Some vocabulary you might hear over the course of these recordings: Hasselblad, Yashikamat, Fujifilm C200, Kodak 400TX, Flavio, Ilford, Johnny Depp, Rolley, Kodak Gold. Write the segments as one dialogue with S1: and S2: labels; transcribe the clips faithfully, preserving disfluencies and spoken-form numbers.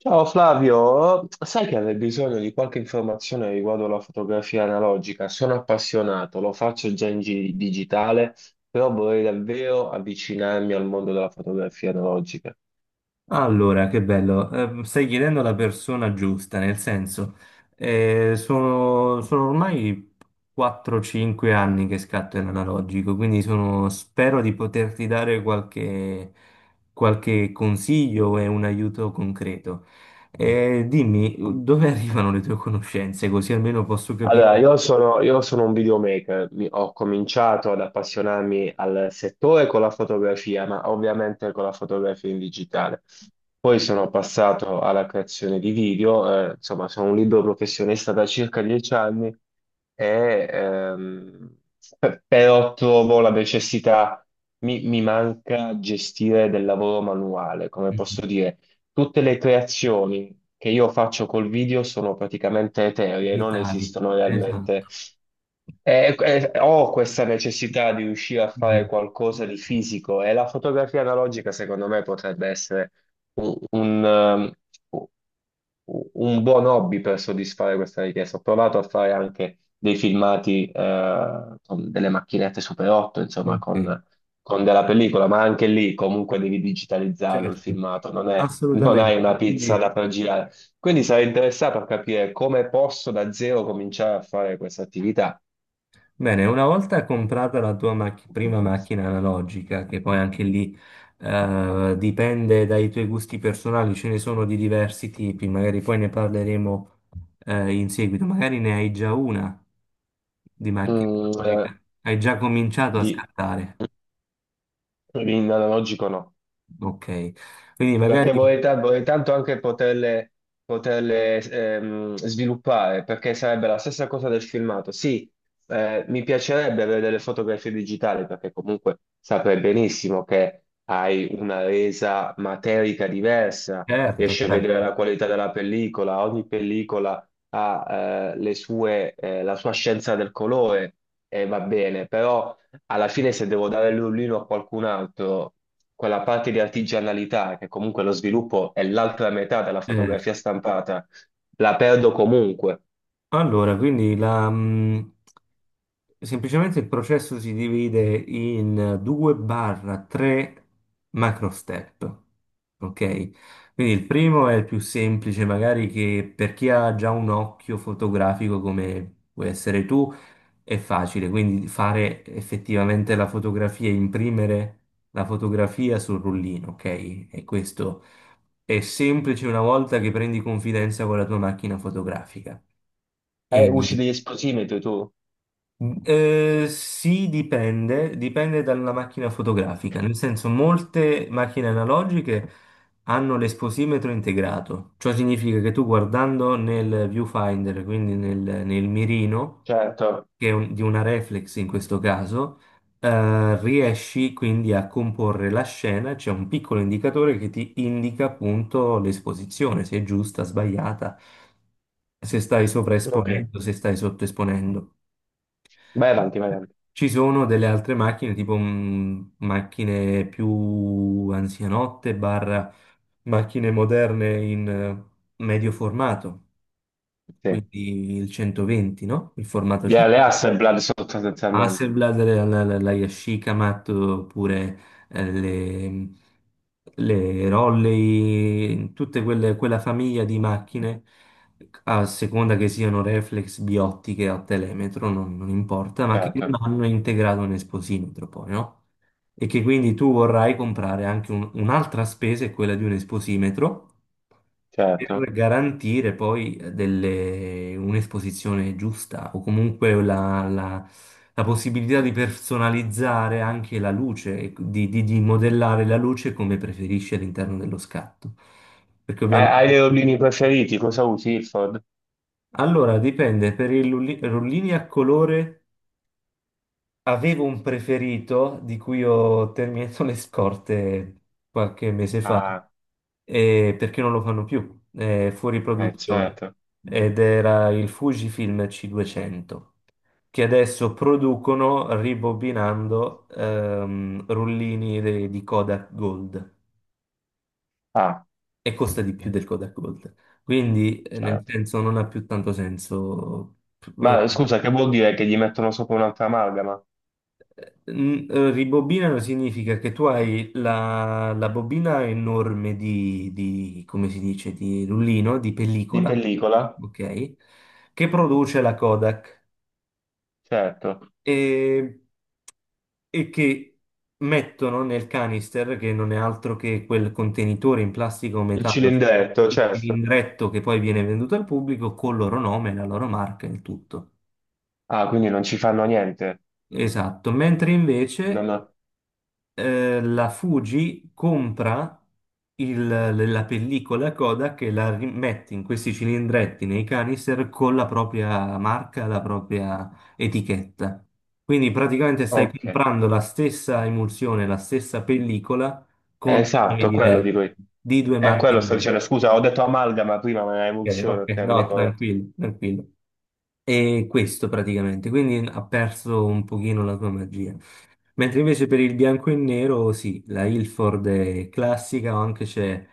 S1: Ciao Flavio, sai che avrei bisogno di qualche informazione riguardo alla fotografia analogica? Sono appassionato, lo faccio già in gi- digitale, però vorrei davvero avvicinarmi al mondo della fotografia analogica.
S2: Allora, che bello, Ehm, stai chiedendo la persona giusta, nel senso, eh, sono, sono ormai quattro cinque anni che scatto in analogico, quindi sono- spero di poterti dare qualche, qualche consiglio e un aiuto concreto. Eh, dimmi, dove arrivano le tue conoscenze, così almeno posso
S1: Allora,
S2: capire
S1: io sono, io sono un videomaker. Mi- ho cominciato ad appassionarmi al settore con la fotografia, ma ovviamente con la fotografia in digitale. Poi sono passato alla creazione di video, eh, insomma, sono un libero professionista da circa dieci anni e ehm, pe- però trovo la necessità, mi, mi manca gestire del lavoro manuale, come
S2: i
S1: posso dire. Tutte le creazioni che io faccio col video sono praticamente eteree, non
S2: digitali.
S1: esistono
S2: Esatto.
S1: realmente. E- e- ho questa necessità di riuscire a fare
S2: Mhm.
S1: qualcosa di fisico e la fotografia analogica, secondo me, potrebbe essere un, un, ehm, un buon hobby per soddisfare questa richiesta. Ho provato a fare anche dei filmati eh, con delle macchinette Super otto, insomma,
S2: Ok,
S1: con con della pellicola, ma anche lì comunque devi digitalizzarlo il
S2: certo,
S1: filmato, non è- non
S2: assolutamente.
S1: hai una pizza
S2: Quindi.
S1: da far girare. Quindi sarei interessato a capire come posso da zero cominciare a fare questa attività.
S2: Bene, una volta comprata la tua macch- prima macchina analogica, che poi anche lì eh, dipende dai tuoi gusti personali, ce ne sono di diversi tipi, magari poi ne parleremo eh, in seguito, magari ne hai già una di macchina
S1: Mm, eh,
S2: analogica, hai già cominciato a
S1: di,
S2: scattare,
S1: In analogico no.
S2: ok, quindi
S1: Perché
S2: magari,
S1: vorrei, ta- vorrei tanto anche poterle, poterle, ehm, sviluppare, perché sarebbe la stessa cosa del filmato. Sì, eh, mi piacerebbe avere delle fotografie digitali, perché comunque saprei benissimo che hai una resa materica diversa,
S2: certo,
S1: riesci a vedere la
S2: certo,
S1: qualità della pellicola, ogni pellicola ha, eh, le sue, eh, la sua scienza del colore e va bene, però alla fine se devo dare l'ullino a qualcun altro quella parte di artigianalità, che comunque lo sviluppo è l'altra metà della
S2: certo.
S1: fotografia stampata, la perdo comunque.
S2: Allora, quindi la, mh, semplicemente il processo si divide in due barra tre macro step, ok? Quindi il primo è il più semplice, magari che per chi ha già un occhio fotografico come puoi essere tu, è facile, quindi fare effettivamente la fotografia, imprimere la fotografia sul rullino, ok? E questo è semplice una volta che prendi confidenza con la tua macchina fotografica.
S1: Eh,
S2: E, Mm.
S1: usi degli esplosimetri tu?
S2: Eh, sì, dipende, dipende dalla macchina fotografica, nel senso molte macchine analogiche hanno l'esposimetro integrato, ciò significa che tu guardando nel viewfinder, quindi nel, nel mirino,
S1: Certo.
S2: che è un- di una reflex in questo caso, eh, riesci quindi a comporre la scena, c'è un piccolo indicatore che ti indica appunto l'esposizione, se è giusta, sbagliata, se stai, Ok,
S1: Ok.
S2: sovraesponendo, se stai sottoesponendo.
S1: Vai avanti, vai avanti.
S2: Ci sono delle altre macchine, tipo mh, macchine più anzianotte, barra macchine moderne in eh, medio formato,
S1: Sì.
S2: quindi il centoventi, no? Il formato
S1: Yeah, le
S2: centoventi.
S1: Hasselblad sostanzialmente.
S2: Hasselblad, la, la, la la Yashikamat, oppure eh, le, le Rolley, tutte quelle, quella famiglia di macchine, a seconda che siano reflex, biottiche o telemetro, non, non importa, ma che
S1: Certo,
S2: non hanno integrato un esposimetro poi, no? E che quindi tu vorrai comprare anche un- un'altra spesa, è quella di un esposimetro,
S1: certo.
S2: per garantire poi eh, delle- un'esposizione giusta o comunque la, la- la possibilità di personalizzare anche la luce, e di, di- di modellare la luce come preferisci all'interno dello scatto. Perché
S1: Hai,
S2: ovviamente.
S1: hai dei rollini preferiti? Cosa usi, Ilford?
S2: Allora, dipende, per i rulli- rullini a colore. Avevo un preferito di cui ho terminato le scorte qualche mese fa,
S1: Ah,
S2: eh, perché non lo fanno più, è fuori
S1: eh,
S2: produzione,
S1: certo.
S2: ed era il Fujifilm C duecento, che adesso producono ribobinando ehm, rullini de- di Kodak Gold
S1: Ah,
S2: e costa di più del Kodak Gold. Quindi, eh, nel
S1: certo.
S2: senso, non ha più tanto senso. eh,
S1: Ma scusa, che vuol dire che gli mettono sopra un'altra amalgama?
S2: Mm, eh, Ribobinano significa che tu hai la, la bobina enorme di, di, come si dice, di rullino, di
S1: Di
S2: pellicola,
S1: pellicola?
S2: ok? Che produce la Kodak
S1: Certo.
S2: e, e che mettono nel canister, che non è altro che quel contenitore in plastica o
S1: Il
S2: metallo,
S1: cilindretto,
S2: il
S1: certo.
S2: cilindretto che poi viene venduto al pubblico, col loro nome, la loro marca e il tutto.
S1: Ah, quindi non ci fanno niente.
S2: Esatto, mentre
S1: Non
S2: invece
S1: ho-
S2: eh, la Fuji compra il- la pellicola Kodak e la rimette in questi cilindretti nei canister con la propria marca, la propria etichetta. Quindi praticamente stai
S1: Ok,
S2: comprando la stessa emulsione, la stessa pellicola con due nomi
S1: esatto, quello
S2: diversi,
S1: dico io.
S2: di due
S1: È
S2: marche
S1: quello sto
S2: diverse.
S1: dicendo. Scusa, ho detto amalgama prima, ma è
S2: Ok,
S1: emulsione
S2: ok,
S1: il termine
S2: no,
S1: corretto.
S2: tranquillo, tranquillo. E questo praticamente, quindi ha perso un pochino la sua magia. Mentre invece per il bianco e nero, sì, la Ilford è classica, o anche c'è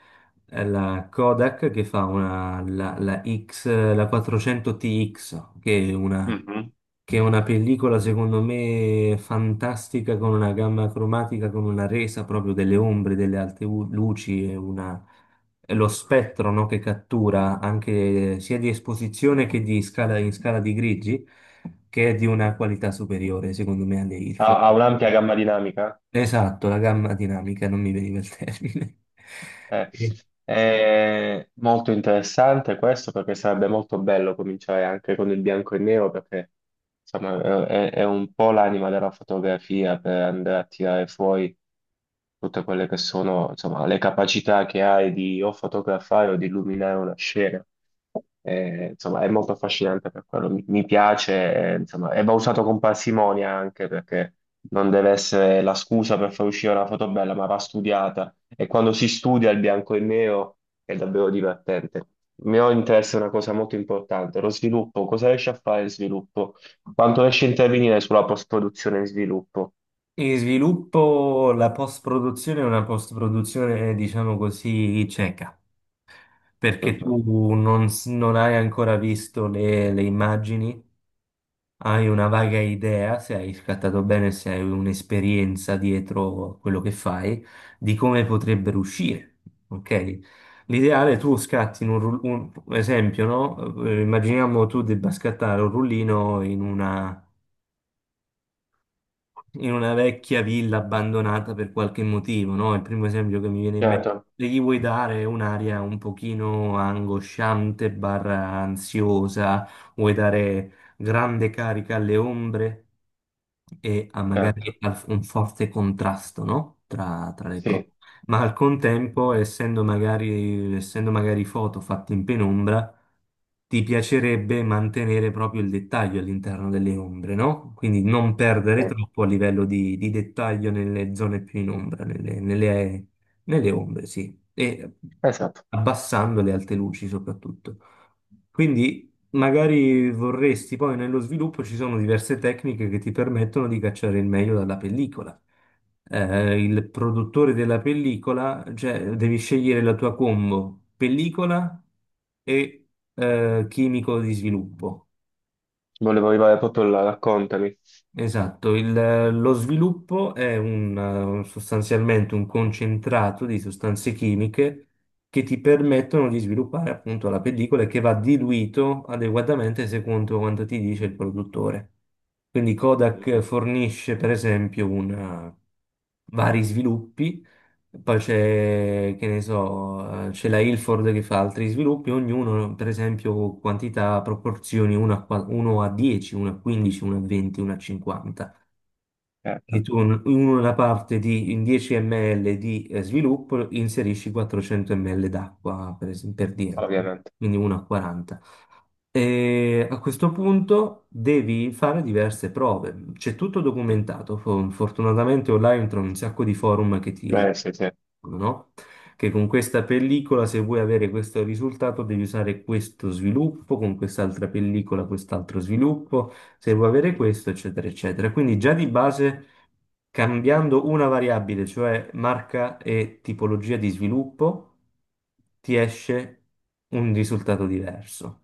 S2: eh, la Kodak che fa una, la, la X, la quattrocento T X, che è una,
S1: Mhm.
S2: che è una pellicola secondo me fantastica con una gamma cromatica, con una resa proprio delle ombre, delle alte u- luci e una lo spettro, no, che cattura anche sia di esposizione che di scala in scala di grigi, che è di una qualità superiore, secondo me, alle
S1: Ha,
S2: Ilford.
S1: ha un'ampia gamma dinamica.
S2: Esatto, la gamma dinamica, non mi veniva il termine.
S1: Eh,
S2: E-
S1: È molto interessante questo perché sarebbe molto bello cominciare anche con il bianco e nero perché insomma è, è- è un po' l'anima della fotografia per andare a tirare fuori tutte quelle che sono insomma le capacità che hai di o fotografare o di illuminare una scena. Eh, insomma, è molto affascinante per quello. Mi, mi piace, eh, insomma, e va usato con parsimonia anche perché non deve essere la scusa per far uscire una foto bella, ma va studiata. E quando si studia il bianco e il nero è davvero divertente. Il mio interesse è una cosa molto importante, lo sviluppo. Cosa riesce a fare il sviluppo? Quanto riesce a intervenire sulla post-produzione e sviluppo?
S2: In sviluppo, la post-produzione è una post-produzione, diciamo così, cieca, perché
S1: Mhm.
S2: tu non, s- non hai ancora visto le le immagini. Hai una vaga idea, se hai scattato bene, se hai un'esperienza dietro quello che fai, di come potrebbero uscire. Ok? L'ideale è tu scatti in un, ru- un esempio, no? Eh, Immaginiamo tu debba scattare un rullino in una, in una vecchia villa abbandonata per qualche motivo, no? Il primo esempio che mi viene in mente.
S1: Certo,
S2: E gli vuoi dare un'aria un pochino angosciante, barra ansiosa, vuoi dare grande carica alle ombre e ha magari
S1: certo.
S2: al- un forte contrasto, no? Tra, tra le cose.
S1: Sì,
S2: Ma al contempo, essendo magari, essendo magari foto fatte in penombra, ti piacerebbe mantenere proprio il dettaglio all'interno delle ombre, no? Quindi non
S1: sì.
S2: perdere troppo a livello di, di dettaglio nelle zone più in ombra, nelle, nelle- nelle ombre, sì, e
S1: Esatto.
S2: abbassando le alte luci soprattutto. Quindi magari vorresti, poi nello sviluppo ci sono diverse tecniche che ti permettono di cacciare il meglio dalla pellicola. Eh, il produttore della pellicola, cioè devi scegliere la tua combo, pellicola e eh, chimico di sviluppo.
S1: Volevo arrivare proprio là, raccontami.
S2: Esatto, il- lo sviluppo è un, eh, sostanzialmente un concentrato di sostanze chimiche che ti permettono di sviluppare appunto la pellicola e che va diluito adeguatamente secondo quanto ti dice il produttore. Quindi
S1: Mhm.
S2: Kodak fornisce per esempio una- vari sviluppi, poi c'è, che ne so, eh, c'è la Ilford che fa altri sviluppi, ognuno, per esempio, quantità, proporzioni uno a, qua- uno a dieci, uno a quindici, uno a venti, uno a cinquanta. Quindi
S1: Certo,
S2: tu in in una parte di in dieci millilitri di eh, sviluppo inserisci quattrocento millilitri d'acqua, per esempio, per dirti,
S1: ovviamente.
S2: quindi uno a quaranta. E a questo punto devi fare diverse prove. C'è tutto documentato. Fo- Fortunatamente online trovi un sacco di forum che ti,
S1: Beh, sì, sì.
S2: no? Che con questa pellicola, se vuoi avere questo risultato, devi usare questo sviluppo, con quest'altra pellicola, quest'altro sviluppo, se vuoi avere questo, eccetera, eccetera. Quindi già di base cambiando una variabile, cioè marca e tipologia di sviluppo, ti esce un risultato diverso.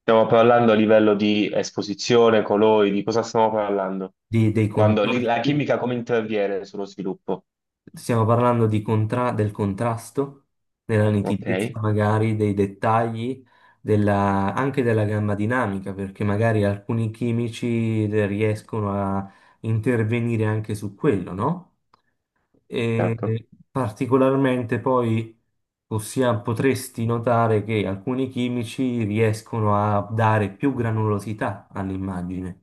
S1: Stiamo parlando a livello di esposizione, colori, di cosa stiamo parlando?
S2: Di- dei
S1: Quando lì la
S2: contrasti,
S1: chimica come interviene sullo sviluppo?
S2: stiamo parlando di contra- del contrasto, della
S1: Ok,
S2: nitidezza magari, dei dettagli, della- anche della gamma dinamica, perché magari alcuni chimici riescono a intervenire anche su quello, no?
S1: certo.
S2: E particolarmente poi possia- potresti notare che alcuni chimici riescono a dare più granulosità all'immagine.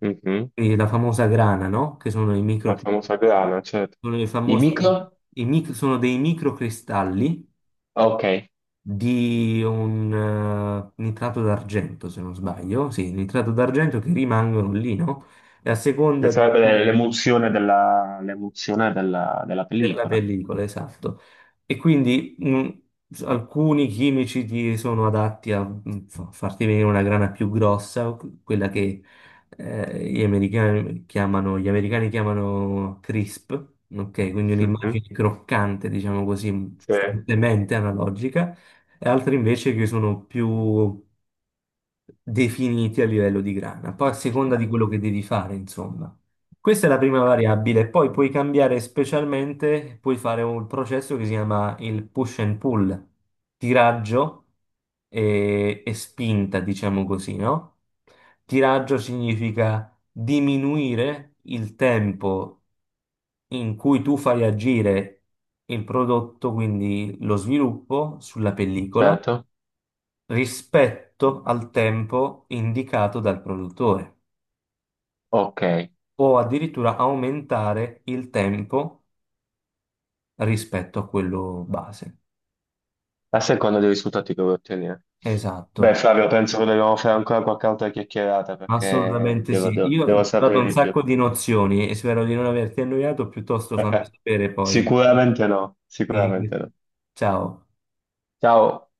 S1: Mhm.
S2: E la famosa grana, no? Che sono i
S1: La
S2: micro,
S1: famosa grana, certo.
S2: sono i
S1: I
S2: famosi,
S1: micro?
S2: i mic- sono dei microcristalli
S1: Ok.
S2: di un eh, nitrato d'argento, se non sbaglio, sì, nitrato d'argento che rimangono lì, no? E a
S1: Che
S2: seconda di
S1: sarebbe l'e- l'emulsione della, l'emulsione della, della
S2: della
S1: pellicola.
S2: pellicola, esatto. E quindi mh, alcuni chimici ti sono adatti a mh, fa- farti venire una grana più grossa, quella che eh, gli americani chiamano, gli americani chiamano crisp, ok? Quindi
S1: Mhm.
S2: un'immagine croccante, diciamo così,
S1: Sì.
S2: fortemente analogica, e altri invece che sono più definiti a livello di grana. Poi a seconda di quello che devi fare, insomma. Questa è la prima variabile, poi puoi cambiare specialmente, puoi fare un processo che si chiama il push and pull, tiraggio e, e spinta, diciamo così, no? Tiraggio significa diminuire il tempo in cui tu fai agire il prodotto, quindi lo sviluppo sulla pellicola,
S1: Certo.
S2: rispetto al tempo indicato dal produttore,
S1: Ok.
S2: o addirittura aumentare il tempo rispetto a quello base.
S1: A seconda dei risultati che vuoi ottenere. Beh,
S2: Esatto,
S1: Flavio, penso che dobbiamo fare ancora qualche altra chiacchierata perché
S2: assolutamente
S1: devo
S2: sì.
S1: devo-
S2: Io ti
S1: devo
S2: ho dato
S1: sapere
S2: un
S1: di più.
S2: sacco di nozioni e spero di non averti annoiato, piuttosto fammi
S1: Eh,
S2: sapere poi.
S1: sicuramente no, sicuramente no.
S2: Ciao.
S1: Ciao.